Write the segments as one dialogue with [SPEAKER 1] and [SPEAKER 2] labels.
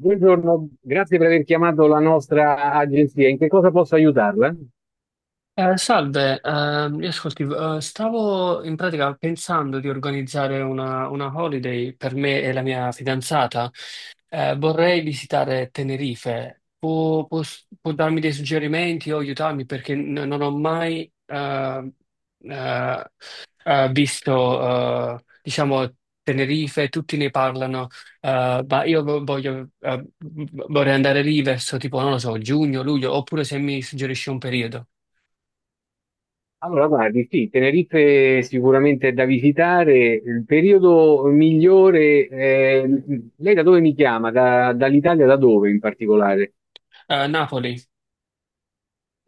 [SPEAKER 1] Buongiorno, grazie per aver chiamato la nostra agenzia. In che cosa posso aiutarla?
[SPEAKER 2] Salve, io ascolti, stavo in pratica pensando di organizzare una holiday per me e la mia fidanzata. Vorrei visitare Tenerife. Può darmi dei suggerimenti o aiutarmi perché non ho mai eh, visto, diciamo, Tenerife, tutti ne parlano, ma io voglio, vorrei andare lì verso tipo, non lo so, giugno, luglio, oppure se mi suggerisci un periodo.
[SPEAKER 1] Allora, guardi, sì, Tenerife sicuramente è da visitare. Il periodo migliore, lei da dove mi chiama? Dall'Italia, da dove in particolare?
[SPEAKER 2] Napoli.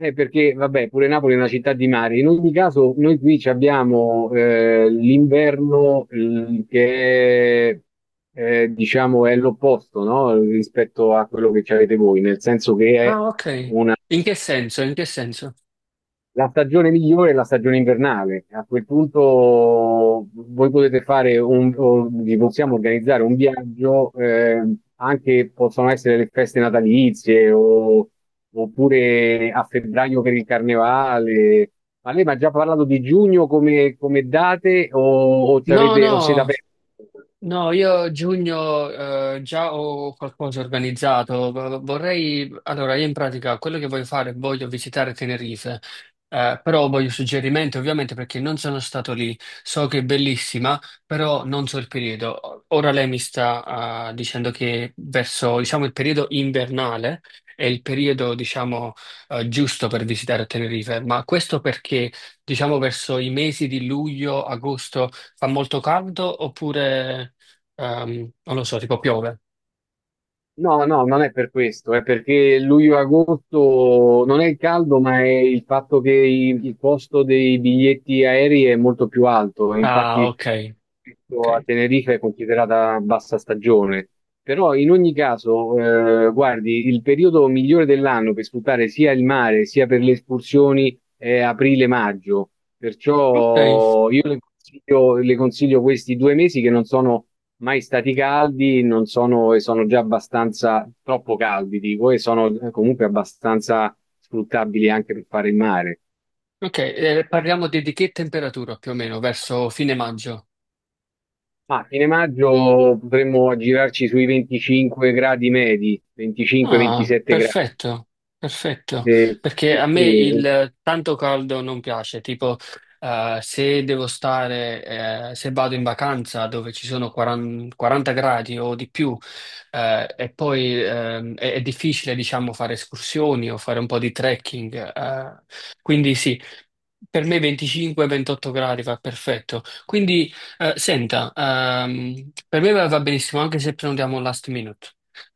[SPEAKER 1] Perché, vabbè, pure Napoli è una città di mare. In ogni caso, noi qui ci abbiamo l'inverno che è diciamo, è l'opposto, no? Rispetto a quello che ci avete voi, nel senso che è.
[SPEAKER 2] Ah, ok. In che senso? In che senso?
[SPEAKER 1] La stagione migliore è la stagione invernale. A quel punto voi potete o vi possiamo organizzare un viaggio, anche possono essere le feste natalizie oppure a febbraio per il carnevale. Ma lei mi ha già parlato di giugno come date o, o ci
[SPEAKER 2] No,
[SPEAKER 1] avete- o siete
[SPEAKER 2] no,
[SPEAKER 1] aperti?
[SPEAKER 2] no, io giugno già ho qualcosa organizzato. Vorrei, allora, io in pratica quello che voglio fare, voglio visitare Tenerife, però voglio suggerimenti ovviamente perché non sono stato lì. So che è bellissima, però non so il periodo. Ora lei mi sta dicendo che verso, diciamo, il periodo invernale è il periodo, diciamo, giusto per visitare Tenerife, ma questo perché, diciamo, verso i mesi di luglio, agosto fa molto caldo oppure. Non lo so, tipo piove.
[SPEAKER 1] No, no, non è per questo, è perché luglio-agosto non è il caldo, ma è il fatto che il costo dei biglietti aerei è molto più alto. E
[SPEAKER 2] Ah,
[SPEAKER 1] infatti,
[SPEAKER 2] ok,
[SPEAKER 1] questo a
[SPEAKER 2] ok,
[SPEAKER 1] Tenerife è considerata bassa stagione. Però in ogni caso, guardi, il periodo migliore dell'anno per sfruttare sia il mare sia per le escursioni è aprile-maggio.
[SPEAKER 2] ok,
[SPEAKER 1] Perciò io le consiglio questi 2 mesi che non sono mai stati caldi, non sono, e sono già abbastanza, troppo caldi, dico, e sono comunque abbastanza sfruttabili anche per fare il mare.
[SPEAKER 2] ok. Parliamo di che temperatura più o meno, verso fine maggio.
[SPEAKER 1] Ma a fine maggio potremmo aggirarci sui 25 gradi medi,
[SPEAKER 2] Ah,
[SPEAKER 1] 25-27 gradi.
[SPEAKER 2] perfetto, perfetto,
[SPEAKER 1] Eh,
[SPEAKER 2] perché a
[SPEAKER 1] sì,
[SPEAKER 2] me
[SPEAKER 1] sì,
[SPEAKER 2] il tanto caldo non piace, tipo se devo stare, se vado in vacanza dove ci sono 40, 40 gradi o di più e poi è difficile, diciamo, fare escursioni o fare un po' di trekking, quindi sì, per me 25-28 gradi va perfetto. Quindi, senta, per me va benissimo anche se prenotiamo last minute.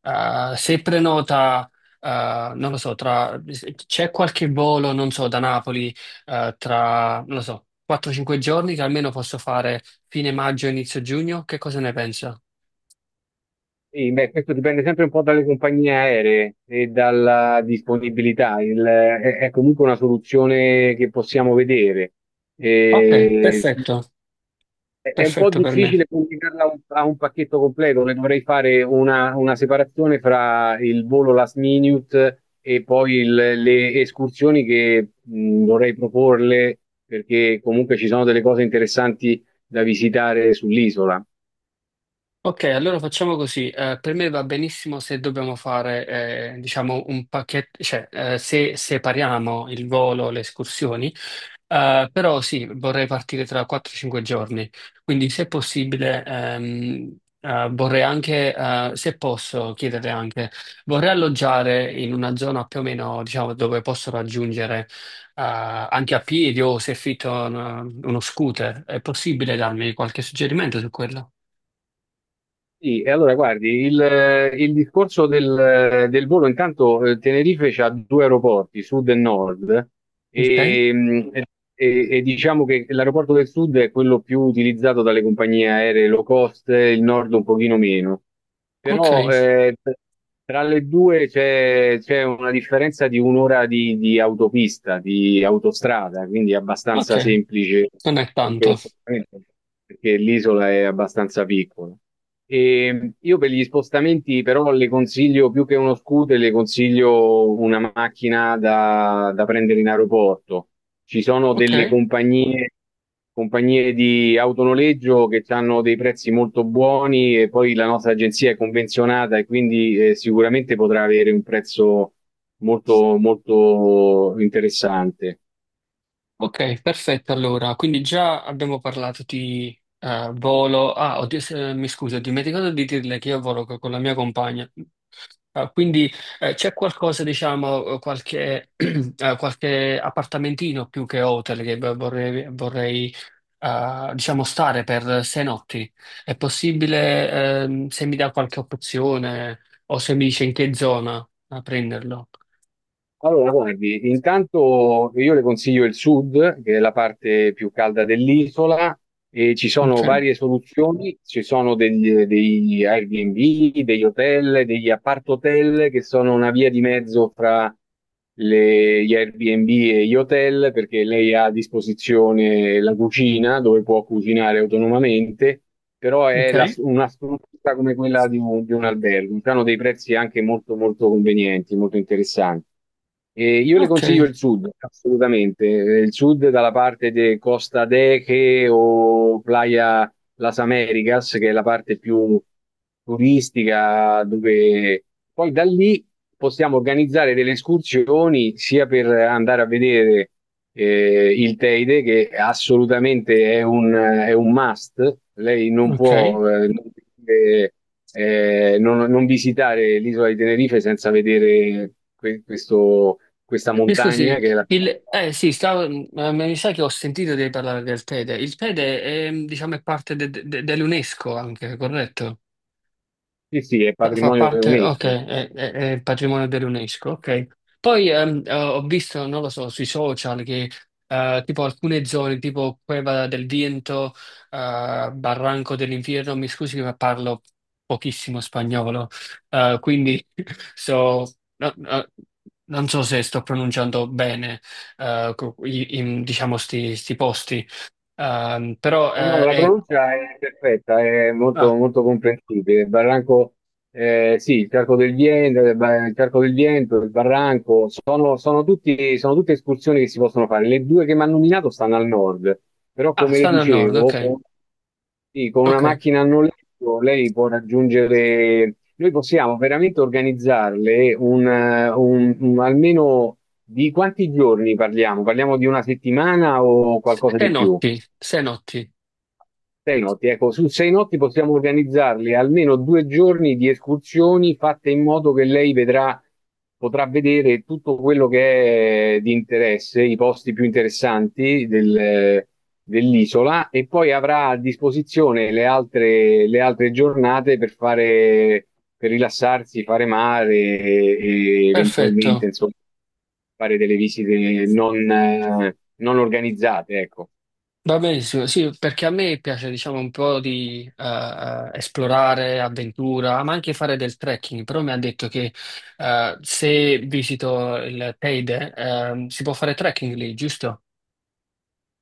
[SPEAKER 2] Se prenota, non lo so, tra, c'è qualche volo, non so, da Napoli, tra, non lo so, 4-5 giorni che almeno posso fare fine maggio, inizio giugno, che cosa ne pensa?
[SPEAKER 1] sì, beh, questo dipende sempre un po' dalle compagnie aeree e dalla disponibilità. È comunque una soluzione che possiamo vedere.
[SPEAKER 2] Ok,
[SPEAKER 1] Eh,
[SPEAKER 2] perfetto,
[SPEAKER 1] è un po'
[SPEAKER 2] perfetto per me.
[SPEAKER 1] difficile collegarla a un pacchetto completo, le dovrei fare una separazione fra il volo last minute e poi le escursioni che dovrei proporle, perché comunque ci sono delle cose interessanti da visitare sull'isola.
[SPEAKER 2] Ok, allora facciamo così. Per me va benissimo se dobbiamo fare, diciamo, un pacchetto, cioè, se separiamo il volo, le escursioni, però sì, vorrei partire tra 4-5 giorni. Quindi, se possibile, vorrei anche, se posso chiedere anche, vorrei alloggiare in una zona più o meno, diciamo, dove posso raggiungere, anche a piedi o se affitto uno scooter. È possibile darmi qualche suggerimento su quello?
[SPEAKER 1] Sì, e allora guardi, il discorso del volo, intanto Tenerife ha due aeroporti, sud e nord,
[SPEAKER 2] Ok?
[SPEAKER 1] e, mh, e diciamo che l'aeroporto del sud è quello più utilizzato dalle compagnie aeree low cost, il nord un pochino meno,
[SPEAKER 2] Ok,
[SPEAKER 1] però tra le due c'è una differenza di un'ora di autopista, di autostrada, quindi è abbastanza
[SPEAKER 2] ok,
[SPEAKER 1] semplice
[SPEAKER 2] non è
[SPEAKER 1] anche lo
[SPEAKER 2] tanto.
[SPEAKER 1] spostamento, perché l'isola è abbastanza piccola. E io per gli spostamenti però le consiglio più che uno scooter, le consiglio una macchina da prendere in aeroporto. Ci sono
[SPEAKER 2] Ok,
[SPEAKER 1] delle compagnie di autonoleggio che hanno dei prezzi molto buoni e poi la nostra agenzia è convenzionata e quindi sicuramente potrà avere un prezzo molto, molto interessante.
[SPEAKER 2] ok, perfetto. Allora, quindi già abbiamo parlato di volo. Ah, oddio, mi scuso, ho dimenticato di dirle che io volo con la mia compagna. Ah, quindi c'è qualcosa, diciamo, qualche, qualche appartamentino più che hotel che vorrei diciamo, stare per 6 notti. È possibile, se mi dà qualche opzione o se mi dice in che zona a prenderlo?
[SPEAKER 1] Allora, guardi, intanto io le consiglio il sud, che è la parte più calda dell'isola, e ci sono
[SPEAKER 2] Ok.
[SPEAKER 1] varie soluzioni, ci sono degli Airbnb, degli hotel, degli appart-hotel, che sono una via di mezzo fra gli Airbnb e gli hotel, perché lei ha a disposizione la cucina, dove può cucinare autonomamente, però è
[SPEAKER 2] Ok,
[SPEAKER 1] una struttura come quella di un albergo, hanno dei prezzi anche molto, molto convenienti, molto interessanti. E io le
[SPEAKER 2] ok,
[SPEAKER 1] consiglio il sud, assolutamente. Il sud dalla parte di Costa Deche o Playa Las Americas, che è la parte più turistica, dove poi da lì possiamo organizzare delle escursioni sia per andare a vedere il Teide, che assolutamente è un must. Lei non
[SPEAKER 2] ok.
[SPEAKER 1] può non, vedere, non visitare l'isola di Tenerife senza vedere questa
[SPEAKER 2] Mi
[SPEAKER 1] montagna
[SPEAKER 2] scusi,
[SPEAKER 1] che è la.
[SPEAKER 2] eh sì, ma mi sa che ho sentito di parlare del TEDE. Il TEDE è, diciamo, è parte dell'UNESCO anche, corretto?
[SPEAKER 1] Sì, sì, è
[SPEAKER 2] Fa
[SPEAKER 1] patrimonio
[SPEAKER 2] parte, ok,
[SPEAKER 1] dell'UNESCO.
[SPEAKER 2] è patrimonio dell'UNESCO, ok. Poi ho visto, non lo so, sui social che tipo alcune zone, tipo Cueva del Viento, Barranco dell'Inferno, mi scusi ma parlo pochissimo spagnolo, quindi so, no- no- non so se sto pronunciando bene, diciamo, sti posti. Però
[SPEAKER 1] No, no, la
[SPEAKER 2] è.
[SPEAKER 1] pronuncia è perfetta, è molto,
[SPEAKER 2] Ah,
[SPEAKER 1] molto comprensibile. Il barranco, sì, il Carco del Vento, il barranco, sono tutte escursioni che si possono fare. Le due che mi hanno nominato stanno al nord, però
[SPEAKER 2] ah,
[SPEAKER 1] come le
[SPEAKER 2] stanno al nord,
[SPEAKER 1] dicevo,
[SPEAKER 2] ok,
[SPEAKER 1] sì, con una
[SPEAKER 2] ok.
[SPEAKER 1] macchina a noleggio lei può raggiungere, noi possiamo veramente organizzarle almeno di quanti giorni parliamo? Parliamo di una settimana o qualcosa
[SPEAKER 2] Sei
[SPEAKER 1] di più?
[SPEAKER 2] notti, sei notti,
[SPEAKER 1] 6 notti, ecco, su 6 notti possiamo organizzarle almeno 2 giorni di escursioni fatte in modo che lei vedrà, potrà vedere tutto quello che è di interesse, i posti più interessanti dell'isola e poi avrà a disposizione le altre, giornate per fare, per rilassarsi, fare mare e eventualmente,
[SPEAKER 2] perfetto,
[SPEAKER 1] insomma, fare delle visite non organizzate, ecco.
[SPEAKER 2] va benissimo, sì, perché a me piace diciamo un po' di esplorare, avventura, ma anche fare del trekking, però mi ha detto che se visito il Teide si può fare trekking lì, giusto?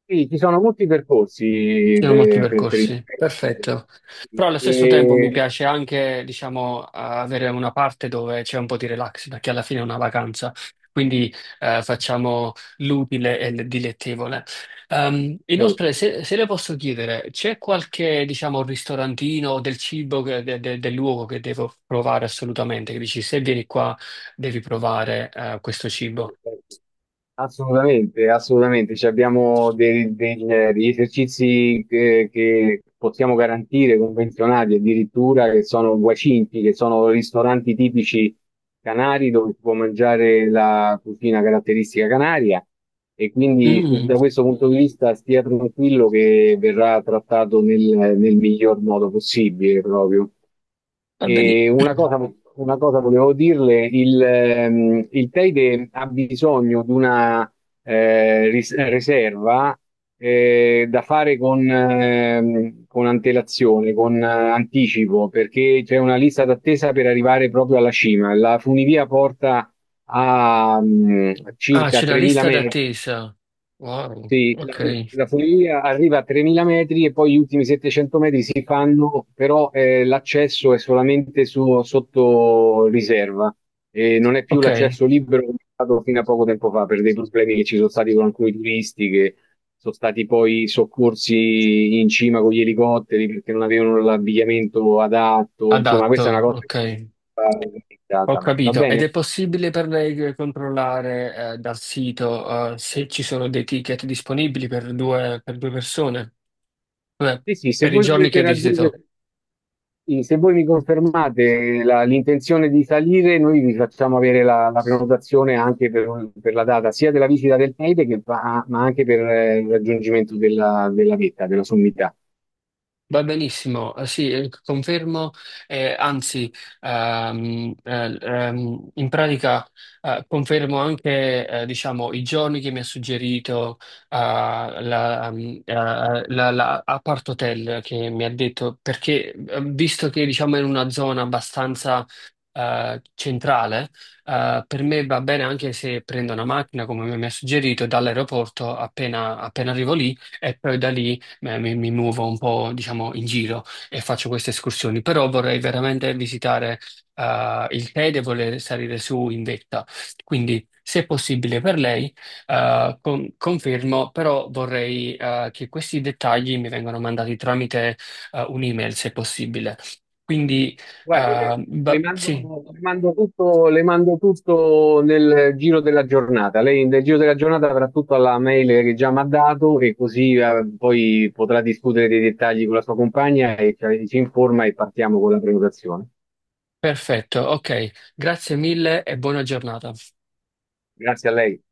[SPEAKER 1] Sì, ci sono molti percorsi.
[SPEAKER 2] Ci sono molti
[SPEAKER 1] de- per, per i-
[SPEAKER 2] percorsi, perfetto. Però allo stesso tempo mi
[SPEAKER 1] e-
[SPEAKER 2] piace anche, diciamo, avere una parte dove c'è un po' di relax, perché alla fine è una vacanza, quindi facciamo l'utile e il dilettevole. Inoltre,
[SPEAKER 1] certo.
[SPEAKER 2] se le posso chiedere, c'è qualche, diciamo, ristorantino o del cibo, del luogo che devo provare assolutamente? Che dici, se vieni qua devi provare questo cibo.
[SPEAKER 1] Assolutamente, assolutamente. Ci abbiamo degli esercizi che possiamo garantire, convenzionati addirittura, che sono guacinti, che sono ristoranti tipici canari dove si può mangiare la cucina caratteristica canaria. E quindi
[SPEAKER 2] Mm,
[SPEAKER 1] da questo punto di vista stia tranquillo che verrà trattato nel miglior modo possibile proprio.
[SPEAKER 2] va bene.
[SPEAKER 1] E una cosa, una cosa volevo dirle, il Teide ha bisogno di una riserva da fare con antelazione, con anticipo, perché c'è una lista d'attesa per arrivare proprio alla cima. La funivia porta a
[SPEAKER 2] Ah,
[SPEAKER 1] circa
[SPEAKER 2] c'è la
[SPEAKER 1] 3.000
[SPEAKER 2] lista
[SPEAKER 1] metri.
[SPEAKER 2] d'attesa. Wow,
[SPEAKER 1] Sì, la,
[SPEAKER 2] ok.
[SPEAKER 1] la funivia arriva a 3.000 metri e poi gli ultimi 700 metri si fanno, però l'accesso è solamente sotto riserva e non è più
[SPEAKER 2] Ok,
[SPEAKER 1] l'accesso libero come è stato fino a poco tempo fa per dei problemi che ci sono stati con alcuni turisti che sono stati poi soccorsi in cima con gli elicotteri perché non avevano l'abbigliamento adatto. Insomma, questa è una
[SPEAKER 2] adatto,
[SPEAKER 1] cosa che
[SPEAKER 2] ok,
[SPEAKER 1] va
[SPEAKER 2] ho
[SPEAKER 1] organizzata. Va
[SPEAKER 2] capito. Ed
[SPEAKER 1] bene?
[SPEAKER 2] è possibile per lei controllare dal sito se ci sono dei ticket disponibili per due persone, cioè,
[SPEAKER 1] Sì, sì, se
[SPEAKER 2] per i
[SPEAKER 1] voi
[SPEAKER 2] giorni
[SPEAKER 1] volete
[SPEAKER 2] che visito.
[SPEAKER 1] raggiungere. Sì, se voi mi confermate l'intenzione di salire, noi vi facciamo avere la prenotazione anche per la data sia della visita del Teide, ma anche per il raggiungimento della vetta, della sommità.
[SPEAKER 2] Va benissimo, sì, confermo, anzi, in pratica confermo anche diciamo, i giorni che mi ha suggerito eh, la, ehm, eh, la Apart Hotel che mi ha detto, perché visto che diciamo, è in una zona abbastanza centrale, per me va bene anche se prendo una macchina, come mi ha suggerito, dall'aeroporto appena appena arrivo lì e poi da lì mi muovo un po', diciamo, in giro e faccio queste escursioni, però vorrei veramente visitare il Tede e voler salire su in vetta. Quindi, se possibile per lei, confermo, però vorrei che questi dettagli mi vengano mandati tramite un'email, se possibile. Quindi,
[SPEAKER 1] Guardi, le, le mando,
[SPEAKER 2] sì,
[SPEAKER 1] le mando tutto, le mando tutto nel giro della giornata. Lei nel giro della giornata avrà tutto alla mail che già mi ha dato e così poi potrà discutere dei dettagli con la sua compagna e ci informa e partiamo con la prenotazione.
[SPEAKER 2] perfetto, ok, grazie mille e buona giornata.
[SPEAKER 1] Grazie a lei.